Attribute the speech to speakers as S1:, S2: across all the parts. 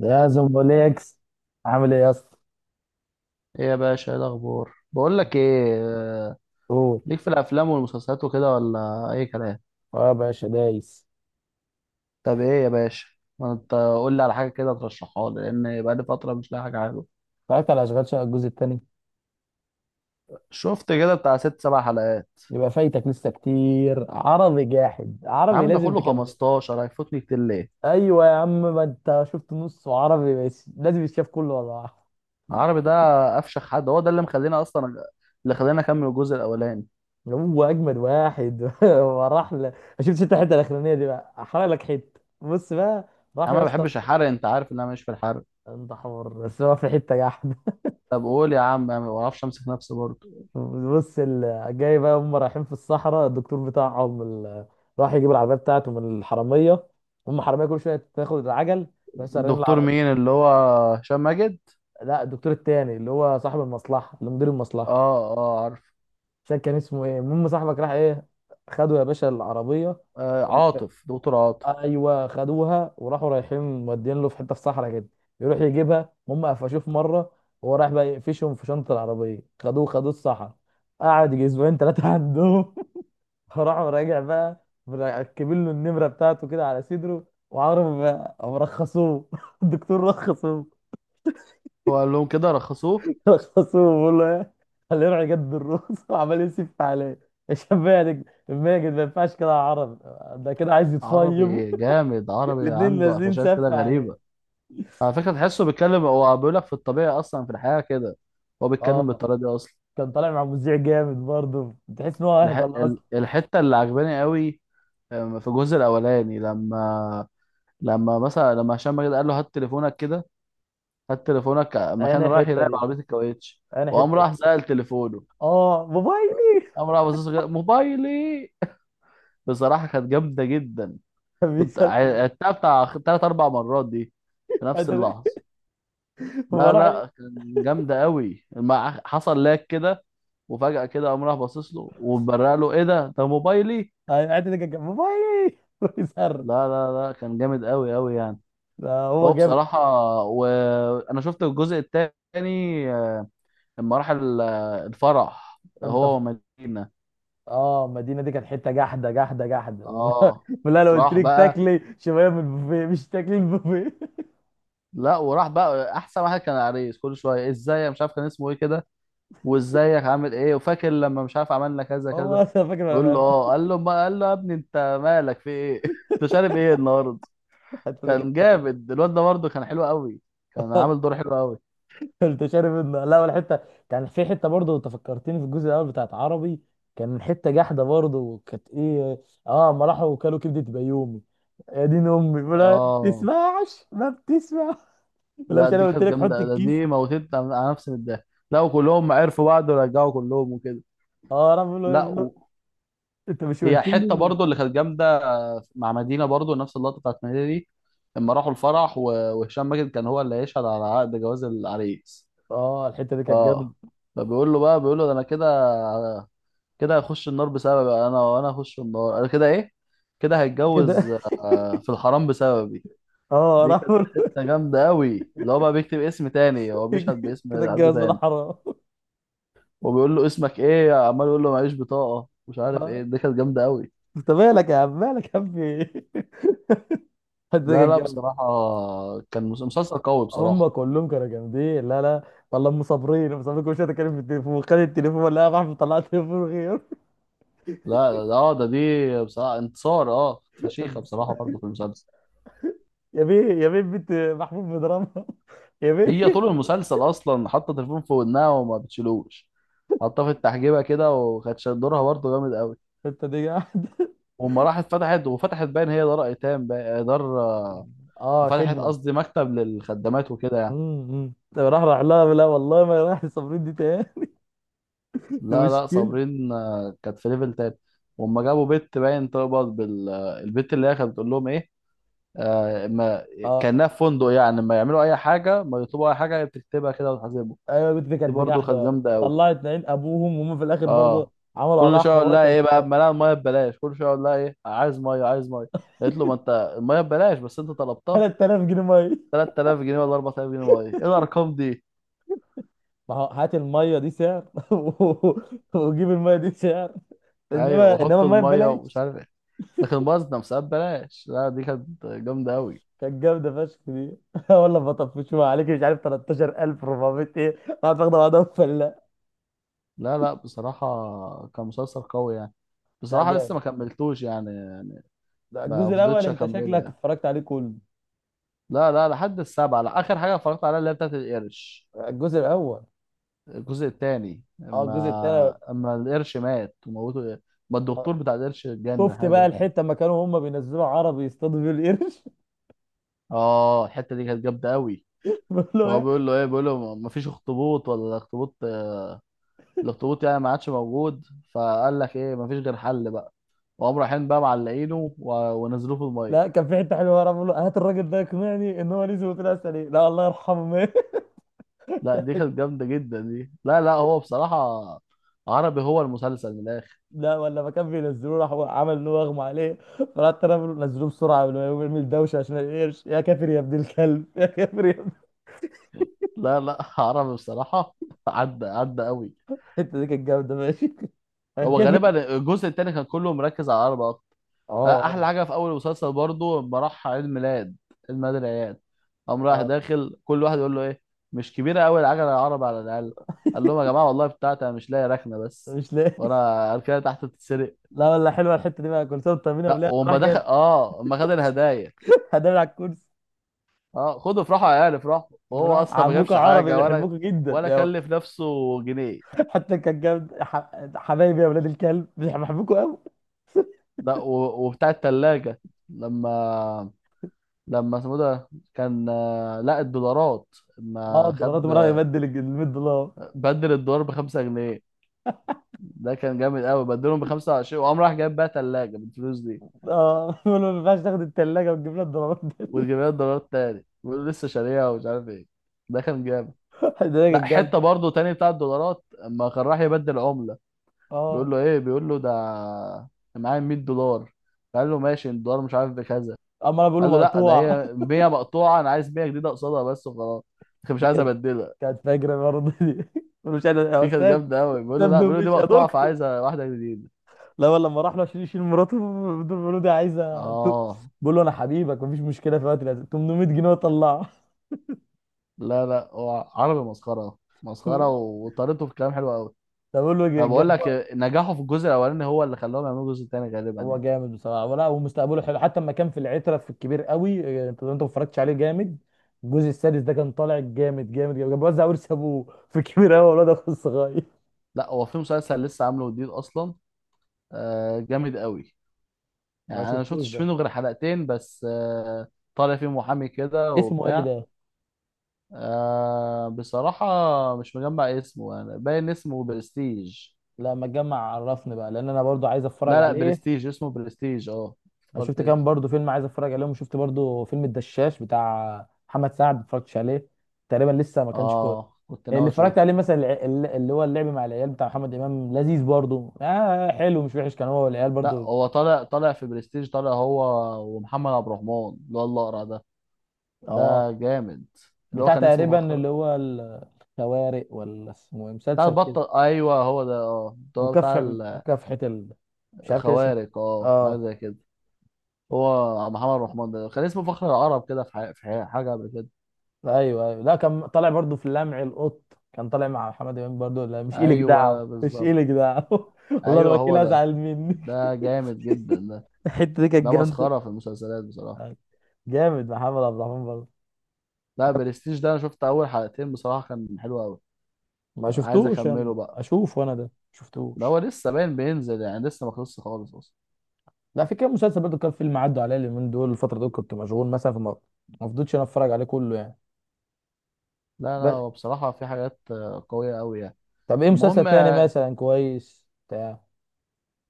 S1: يا زومبوليكس، عامل ايه يا اسطى؟
S2: ايه يا باشا، ايه الاخبار؟ بقول لك ايه. آه،
S1: قول.
S2: ليك في الافلام والمسلسلات وكده ولا اي كلام؟
S1: اه يا باشا دايس.
S2: طب ايه يا باشا، ما انت قول لي على حاجه كده ترشحها لي، لان بقى لي فتره مش لاقي حاجه حلوه.
S1: اتفرجت على اشغال شقه الجزء الثاني؟
S2: شفت كده بتاع ست سبع حلقات.
S1: يبقى فايتك لسه كتير. عربي جاحد،
S2: يا
S1: عربي
S2: عم ده
S1: لازم
S2: كله
S1: تكمل.
S2: 15 هيفوتني كتير ليه؟
S1: ايوه يا عم، ما انت شفت نص عربي بس، لازم يتشاف كله. ولا واحد
S2: العربي ده افشخ حد، هو ده اللي مخلينا اصلا اللي خلاني اكمل الجزء الاولاني.
S1: هو اجمد واحد. ما شفتش انت الحته الاخرانيه دي؟ بقى احرق لك حته، بص بقى.
S2: يا
S1: راح
S2: عم
S1: يا
S2: ما
S1: اسطى.
S2: بحبش الحرق، انت عارف ان انا مش في الحرق.
S1: انت حمار بس، هو في حته جاحد.
S2: طب قول يا عم، أنا ما بعرفش امسك نفسي برضه.
S1: بص، جاي بقى، هم رايحين في الصحراء، الدكتور بتاعهم راح يجيب العربيه بتاعته من الحراميه. هم حراميه كل شويه تاخد العجل، بس سارقين
S2: الدكتور
S1: العربيه.
S2: مين، اللي هو هشام ماجد؟
S1: لا، الدكتور التاني اللي هو صاحب المصلحه، اللي مدير
S2: اه
S1: المصلحه.
S2: اه، عارف.
S1: مش فاكر كان اسمه ايه. المهم، صاحبك راح ايه؟ خدوا يا باشا العربيه.
S2: عاطف، دكتور عاطف.
S1: ايوه خدوها وراحوا، رايحين مودين له في حته، في صحراء كده يروح يجيبها. هم قفشوه في مره وهو رايح بقى يقفشهم في شنطه العربيه. خدوه خدوه الصحراء، قعد يجي اسبوعين ثلاثه عندهم. فراح راجع بقى مركبين له النمره بتاعته كده على صدره، وعمره ما مرخصوه. الدكتور رخصوه،
S2: هو قال لهم كده رخصوه.
S1: رخصوه. بيقول له ايه؟ خليه يروح يجدد الرخص. وعمال يسف عليه. يا شباب، ماجد ماجد ما ينفعش كده يا عرب، ده كده عايز يتفيم.
S2: عربي جامد، عربي
S1: الاتنين
S2: عنده
S1: نازلين
S2: قفشات كده
S1: سف عليه.
S2: غريبة. على فكرة تحسه بيتكلم، هو بيقول لك في الطبيعة أصلا، في الحياة كده هو بيتكلم
S1: اه.
S2: بالطريقة دي أصلا.
S1: كان طالع مع مذيع جامد برضه، تحس ان هو اهبل اصلا.
S2: الحتة اللي عجباني قوي، في الجزء الأولاني لما، لما مثلا لما هشام ماجد قال له هات تليفونك كده، هات تليفونك لما
S1: انا
S2: كان رايح
S1: الحته
S2: يراقب
S1: دي،
S2: عربية الكاوتش،
S1: انا
S2: وقام
S1: الحته دي.
S2: راح سأل تليفونه،
S1: اه موبايلي.
S2: قام راح بص كده، موبايلي. بصراحة كانت جامدة جدا.
S1: كان
S2: كنت
S1: بيسال.
S2: عدتها بتاع تلات أربع مرات دي في نفس اللحظة. لا
S1: فراح.
S2: لا، كان جامدة قوي، ما حصل لاك كده، وفجأة كده قام راح باصص له وبرق له، ايه ده موبايلي.
S1: ايوه الحته دي كانت موبايلي. يسر،
S2: لا لا لا، كان جامد قوي قوي يعني.
S1: ده هو
S2: هو
S1: جامد.
S2: بصراحة، وانا شفت الجزء التاني، لما راح الفرح
S1: انت
S2: هو
S1: ف...
S2: ومدينة.
S1: اه المدينه دي كانت حته جحده جحده جحده.
S2: اه
S1: لا، لو قلت
S2: راح
S1: لك
S2: بقى،
S1: تاكلي شويه من البوفيه، مش تاكلي البوفيه.
S2: لا وراح بقى احسن واحد كان العريس، كل شوية ازاي، أنا مش عارف كان اسمه ايه كده، وازيك عامل ايه، وفاكر لما مش عارف عملنا كذا
S1: هو
S2: كذا،
S1: اصلا فاكر
S2: يقول له
S1: انا.
S2: اه، قال له ما قال له يا ابني انت مالك في ايه. انت شارب ايه النهارده؟
S1: الحته دي
S2: كان
S1: كانت.
S2: جامد الواد ده برضه، كان حلو قوي، كان
S1: آه،
S2: عامل دور حلو قوي.
S1: لا، والحته كان في حته برضه، انت فكرتني في الجزء الاول بتاعت عربي. كان حته جحده برضه، وكانت ايه؟ اه، ما راحوا وكلوا كبده بيومي. يا دين امي، ولا
S2: اه.
S1: بتسمعش؟ ما بتسمع. ولا،
S2: لا
S1: مش انا
S2: دي
S1: قلت
S2: كانت
S1: لك حط
S2: جامده، ده
S1: الكيس؟
S2: دي موتت على نفسي من الضحك، لا وكلهم عرفوا بعض ورجعوا كلهم وكده.
S1: اه راح بيقول له
S2: لا
S1: ايه؟
S2: و...
S1: انت مش
S2: هي
S1: قلت
S2: حته
S1: لي؟
S2: برضه اللي كانت جامده، مع مدينه برضه نفس اللقطه بتاعت مدينه دي، لما راحوا الفرح وهشام ماجد كان هو اللي هيشهد على عقد جواز العريس.
S1: اه الحته دي كانت جامده
S2: اه. فبيقول له بقى، بيقول له ده انا كده، كده هخش النار بسببي بقى انا، هخش النار انا كده ايه، كده
S1: كده.
S2: هيتجوز. في الحرام بسببي.
S1: اه
S2: دي
S1: راح
S2: كانت
S1: بقول-
S2: حته جامده قوي، اللي هو بقى بيكتب اسم تاني، هو بيشهد
S1: كده
S2: باسم حد
S1: اتجوز ولا
S2: تاني،
S1: حرام؟
S2: وبيقول له اسمك ايه، عمال يقول له معيش بطاقه، مش عارف ايه،
S1: آه.
S2: دي كانت جامده قوي.
S1: انت مالك يا عم، مالك يا عم، في ايه؟ الحته دي
S2: لا
S1: كانت
S2: لا
S1: جامده.
S2: بصراحه، كان مسلسل قوي
S1: هم
S2: بصراحه.
S1: كلهم كانوا جامدين. لا لا، والله ام صابرين، ام صابرين كل شويه تتكلم في التليفون. خد التليفون لا يا محمود، طلع تليفون غير.
S2: لا لا اه، ده دي بصراحه انتصار، اه فشيخه بصراحه برضه في المسلسل.
S1: يا بيه، يا بيه، بنت محمود بيضربها. يا
S2: هي
S1: بيه،
S2: طول المسلسل اصلا حاطه تليفون في ودنها وما بتشيلوش، حطها في التحجيبه كده، وكانت دورها برضه جامد قوي.
S1: انت دي قاعد.
S2: وأما راحت فتحت باين هي دار ايتام دار
S1: اه
S2: فتحت
S1: خدمه.
S2: قصدي مكتب للخدامات وكده يعني.
S1: راح لها. لا والله، ما راح صابرين دي تاني. دي
S2: لا لا
S1: مشكله.
S2: صابرين كانت في ليفل تاني. وأما جابوا بنت باين تقبض بال البنت اللي هي كانت بتقول لهم ايه، آه ما
S1: اه.
S2: كانها في فندق يعني، ما يعملوا اي حاجه، ما يطلبوا اي حاجه هي بتكتبها كده وتحاسبهم.
S1: ايوه البت دي
S2: دي
S1: كانت
S2: برضه كانت
S1: بجحده.
S2: جامده قوي.
S1: طلعت عين ابوهم وهم في الاخر برضه
S2: اه.
S1: عملوا
S2: كل
S1: عليها
S2: شويه اقول
S1: حوار
S2: لها
S1: كان
S2: ايه بقى، ما انا الميه ببلاش، كل شويه اقول لها ايه، عايز ميه، عايز ميه. قالت له ما انت، الميه ببلاش بس انت طلبتها.
S1: جامد. 3000 جنيه ميه!
S2: 3000 جنيه ولا 4000 جنيه ميه، ايه الارقام دي؟
S1: ما هو هات الميه دي سعر، و- وجيب الميه دي سعر.
S2: ايوه،
S1: انما
S2: وحط
S1: الميه
S2: الميه ومش
S1: ببلاش.
S2: عارف ايه، لكن بازنة مسابات ببلاش. لا دي كانت جامده قوي.
S1: كانت جامده فشخ دي. والله بطفشوها عليك، مش عارف 13400 ايه، قاعد واخده بعضها فلا.
S2: لا لا بصراحه، كان مسلسل قوي يعني.
S1: لا
S2: بصراحه لسه
S1: جامد.
S2: ما كملتوش يعني
S1: ده
S2: ما
S1: الجزء الاول
S2: فضلتش
S1: انت
S2: اكمله
S1: شكلك
S2: يعني.
S1: اتفرجت عليه كله؟
S2: لا لا لحد السبعه، لا اخر حاجه اتفرجت عليها اللي هي بتاعت القرش،
S1: الجزء الاول.
S2: الجزء الثاني
S1: اه، الجزء الثاني.
S2: اما، اما القرش مات وموته، ما الدكتور بتاع القرش اتجنن
S1: شفت
S2: حاجه
S1: بقى
S2: زي كده.
S1: الحته لما كانوا هم بينزلوا عربي يصطادوا بيه القرش؟
S2: اه الحته دي كانت جامده قوي.
S1: بقول له
S2: هو
S1: إيه؟
S2: بيقول له ايه، بيقول له ما فيش اخطبوط، ولا الاخطبوط، الاخطبوط يعني ما عادش موجود. فقال لك ايه، ما فيش غير حل بقى، وقام رايحين بقى معلقينه ونزلوه في الميه.
S1: لا كان في حته حلوه ورا، بقول له هات الراجل ده يقنعني ان هو نزل واترقص عليه، لا الله يرحمه مات.
S2: لا دي كانت جامده جدا دي، لا لا هو بصراحه عربي، هو المسلسل من الاخر.
S1: لا، ولا ما كان بينزلوه، راح هو عمل ان هو اغمى عليه. فرحت انا بقول له نزلوه بسرعه قبل ما يقوم يعمل دوشه عشان القرش. يا كافر يا ابن الكلب، يا كافر يا ابن.
S2: لا لا عربي بصراحه، عدى عدى قوي.
S1: الحته دي كانت جامده ماشي. يا
S2: هو
S1: كافر.
S2: غالبا الجزء التاني كان كله مركز على العربة أكتر.
S1: اه.
S2: أحلى حاجة في أول المسلسل برضو لما راح عيد ميلاد، عيد ميلاد العيال، قام رايح
S1: اه.
S2: داخل كل واحد يقول له إيه، مش كبيرة أوي العجلة العربي على الأقل، قال لهم يا جماعة والله بتاعتي أنا مش لاقي ركنة بس،
S1: مش لاقي.
S2: وأنا أركنة تحت تتسرق.
S1: لا، ولا حلوه الحته دي بقى، كل سنه وانت طمنا
S2: لا
S1: بالله، راح
S2: وأما دخل
S1: جايب.
S2: أما خد الهدايا،
S1: هدام على الكرسي.
S2: آه خدوا افرحوا يا عيال افرحوا، وهو
S1: راح
S2: أصلا ما
S1: عمكم
S2: جابش
S1: عربي
S2: حاجة ولا،
S1: بيحبوكوا جدا.
S2: ولا كلف نفسه جنيه.
S1: حتى كان جامد، حبايبي يا ولاد الكلب بيحبوكوا قوي.
S2: لا و- وبتاع التلاجة لما، لما اسمه ده كان لا الدولارات،
S1: اه
S2: ما
S1: الدولارات،
S2: خد،
S1: مرة يبدل ال 100 دولار.
S2: بدل الدولار بـ5 جنيه. ده كان جامد قوي، بدلهم بـ25، وقام راح جايب بقى تلاجة بالفلوس دي،
S1: اه. بيقول له ما ينفعش تاخد الثلاجه وتجيب لها الدولارات ده.
S2: وجايب لها الدولارات تاني ولسه شاريها ومش عارف ايه. ده كان جامد.
S1: ده
S2: لا
S1: كانت جامده.
S2: حتة برضه تاني بتاع الدولارات اما كان راح يبدل عملة،
S1: اه،
S2: بيقول له ده، أنا معايا 100 دولار، قال له ماشي الدولار مش عارف بكذا،
S1: اما انا بقول له
S2: قال له لا ده
S1: مقطوع.
S2: هي 100 مقطوعة، انا عايز 100 جديدة قصادها بس وخلاص، مش
S1: دي
S2: عايز
S1: كانت.
S2: ابدلها.
S1: كانت فاجره برضه دي. بقول له مش انا يا
S2: دي كانت
S1: استاذ،
S2: جامدة أوي، بيقول له
S1: استاذ
S2: لا بيقول له دي
S1: مش يا
S2: مقطوعة
S1: دكتور.
S2: فعايزة واحدة جديدة.
S1: لا والله، لما راح له عشان يشيل مراته. بيقول له دي عايزه
S2: اه.
S1: بقول له انا حبيبك مفيش مشكله، في وقت لازم 800 جنيه وطلعه.
S2: لا لا، هو عربي مسخرة مسخرة وطريقته في الكلام حلوة أوي.
S1: طب بقول له
S2: أنا بقول
S1: جاب.
S2: لك، نجاحه في الجزء الأولاني هو اللي خلاهم يعملوا الجزء التاني غالبا
S1: هو
S2: يعني.
S1: جامد بصراحه، ولا ومستقبله حلو، حتى لما كان في العتره في الكبير قوي. انت ما اتفرجتش عليه؟ جامد. الجزء السادس ده كان طالع جامد جامد جامد، كان بيوزع ورث ابوه في الكبير قوي، والواد اخو الصغير.
S2: لا هو في مسلسل لسه عامله جديد أصلا، آه جامد أوي، يعني
S1: ما
S2: أنا ما
S1: شفتوش
S2: شفتش
S1: ده.
S2: منه غير حلقتين بس آه. طالع فيه محامي كده
S1: اسمه ايه
S2: وبتاع.
S1: ده؟
S2: آه بصراحة مش مجمع اسمه يعني، باين اسمه برستيج.
S1: لا ما تجمع عرفني بقى، لان انا برضو عايز اتفرج
S2: لا لا
S1: عليه.
S2: برستيج، اسمه برستيج اه.
S1: انا شفت كام
S2: افتكرت.
S1: برضو فيلم عايز اتفرج عليهم، وشفت برضو فيلم الدشاش بتاع محمد سعد، ما اتفرجتش عليه تقريبا لسه، ما كانش كويس.
S2: اه كنت ناوي
S1: اللي اتفرجت
S2: اشوفه.
S1: عليه مثلا اللي هو اللعب مع العيال بتاع محمد امام، لذيذ برضو، آه حلو مش وحش، كان هو والعيال
S2: لا
S1: برضو.
S2: هو طالع في برستيج، طالع هو ومحمد عبد الرحمن، اللي هو الاقرع ده.
S1: اه
S2: ده جامد. اللي هو
S1: بتاع
S2: كان اسمه
S1: تقريبا
S2: فخر،
S1: اللي هو الخوارق، ولا اسمه إيه؟
S2: بتاع
S1: مسلسل كده،
S2: البطل، ايوه هو ده، اه ده هو بتاع
S1: مكافح مكافحة ال... مش عارف كان اسمه
S2: الخوارق
S1: إيه.
S2: اه، حاجه
S1: اه.
S2: زي كده. هو محمد عبد الرحمن ده كان اسمه فخر العرب كده، حاجه قبل كده.
S1: لا، ايوه ايوه، لا كان طالع برضو في لمع القط، كان طالع مع محمد امام برضو. لا مش إلك
S2: ايوه
S1: دعوه، مش
S2: بالظبط،
S1: إلك دعوه. والله انا
S2: ايوه
S1: بكيل
S2: هو ده،
S1: ازعل منك.
S2: ده جامد جدا ده،
S1: الحته دي كانت
S2: ده
S1: جامده.
S2: مسخره في المسلسلات بصراحه.
S1: آه، جامد محمد عبد الرحمن برضه.
S2: لا برستيج ده انا شفت اول حلقتين بصراحه، كان حلو قوي،
S1: ما
S2: عايز
S1: شفتوش، انا
S2: اكمله بقى،
S1: اشوف وانا ده ما
S2: ده
S1: شفتوش.
S2: هو لسه باين بينزل يعني، لسه ما خلصش خالص اصلا.
S1: لا، في كام مسلسل برضه كان فيلم، عدوا عليا اليومين دول، الفتره دول كنت مشغول مثلا فما ما فضلتش انا اتفرج عليه كله
S2: لا لا،
S1: يعني.
S2: هو بصراحة في حاجات قوية قوي يعني.
S1: طب ايه مسلسل
S2: المهم
S1: تاني مثلا كويس بتاع؟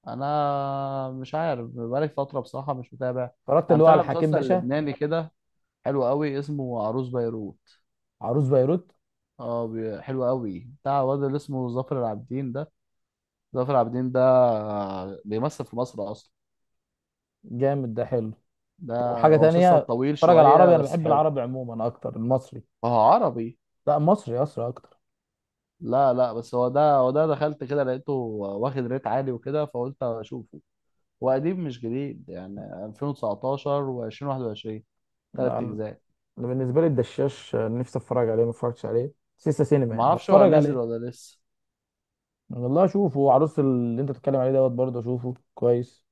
S2: انا مش عارف بقالي فترة بصراحة مش متابع.
S1: اتفرجت
S2: انا
S1: اللي هو على
S2: متابع
S1: حكيم
S2: مسلسل
S1: باشا؟
S2: لبناني كده حلو قوي، اسمه عروس بيروت.
S1: عروس بيروت.
S2: اه، حلو قوي، بتاع واد اللي اسمه ظافر العابدين ده، ظافر العابدين ده بيمثل في مصر اصلا
S1: جامد ده، حلو.
S2: ده.
S1: طب وحاجه
S2: هو
S1: تانية
S2: مسلسل طويل
S1: اتفرج؟ على
S2: شوية
S1: العربي، انا
S2: بس
S1: بحب
S2: حلو،
S1: العربي عموما اكتر المصري.
S2: هو عربي.
S1: لا مصري اصلا اكتر.
S2: لا لا بس هو ده دخلت كده لقيته واخد ريت عالي وكده فقلت اشوفه. وقديم مش جديد يعني 2019 و2021،
S1: لا
S2: تلات
S1: انا،
S2: أجزاء.
S1: أنا بالنسبه لي الدشاش نفسي اتفرج عليه، ما اتفرجتش عليه. سيسا سينما يعني
S2: معرفش هو
S1: هتفرج
S2: نزل
S1: عليه،
S2: ولا لسه.
S1: والله اشوفه. وعروس اللي انت بتتكلم عليه دوت برضه اشوفه كويس،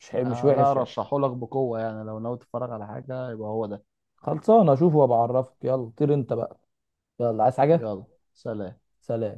S1: مش حلو مش
S2: ده
S1: وحش يعني.
S2: أرشحهولك بقوة يعني، لو ناوي تتفرج على حاجة يبقى هو ده.
S1: خلصان اشوفه وابقى اعرفك. يلا طير انت بقى. يلا عايز حاجه؟
S2: يلا، سلام.
S1: سلام.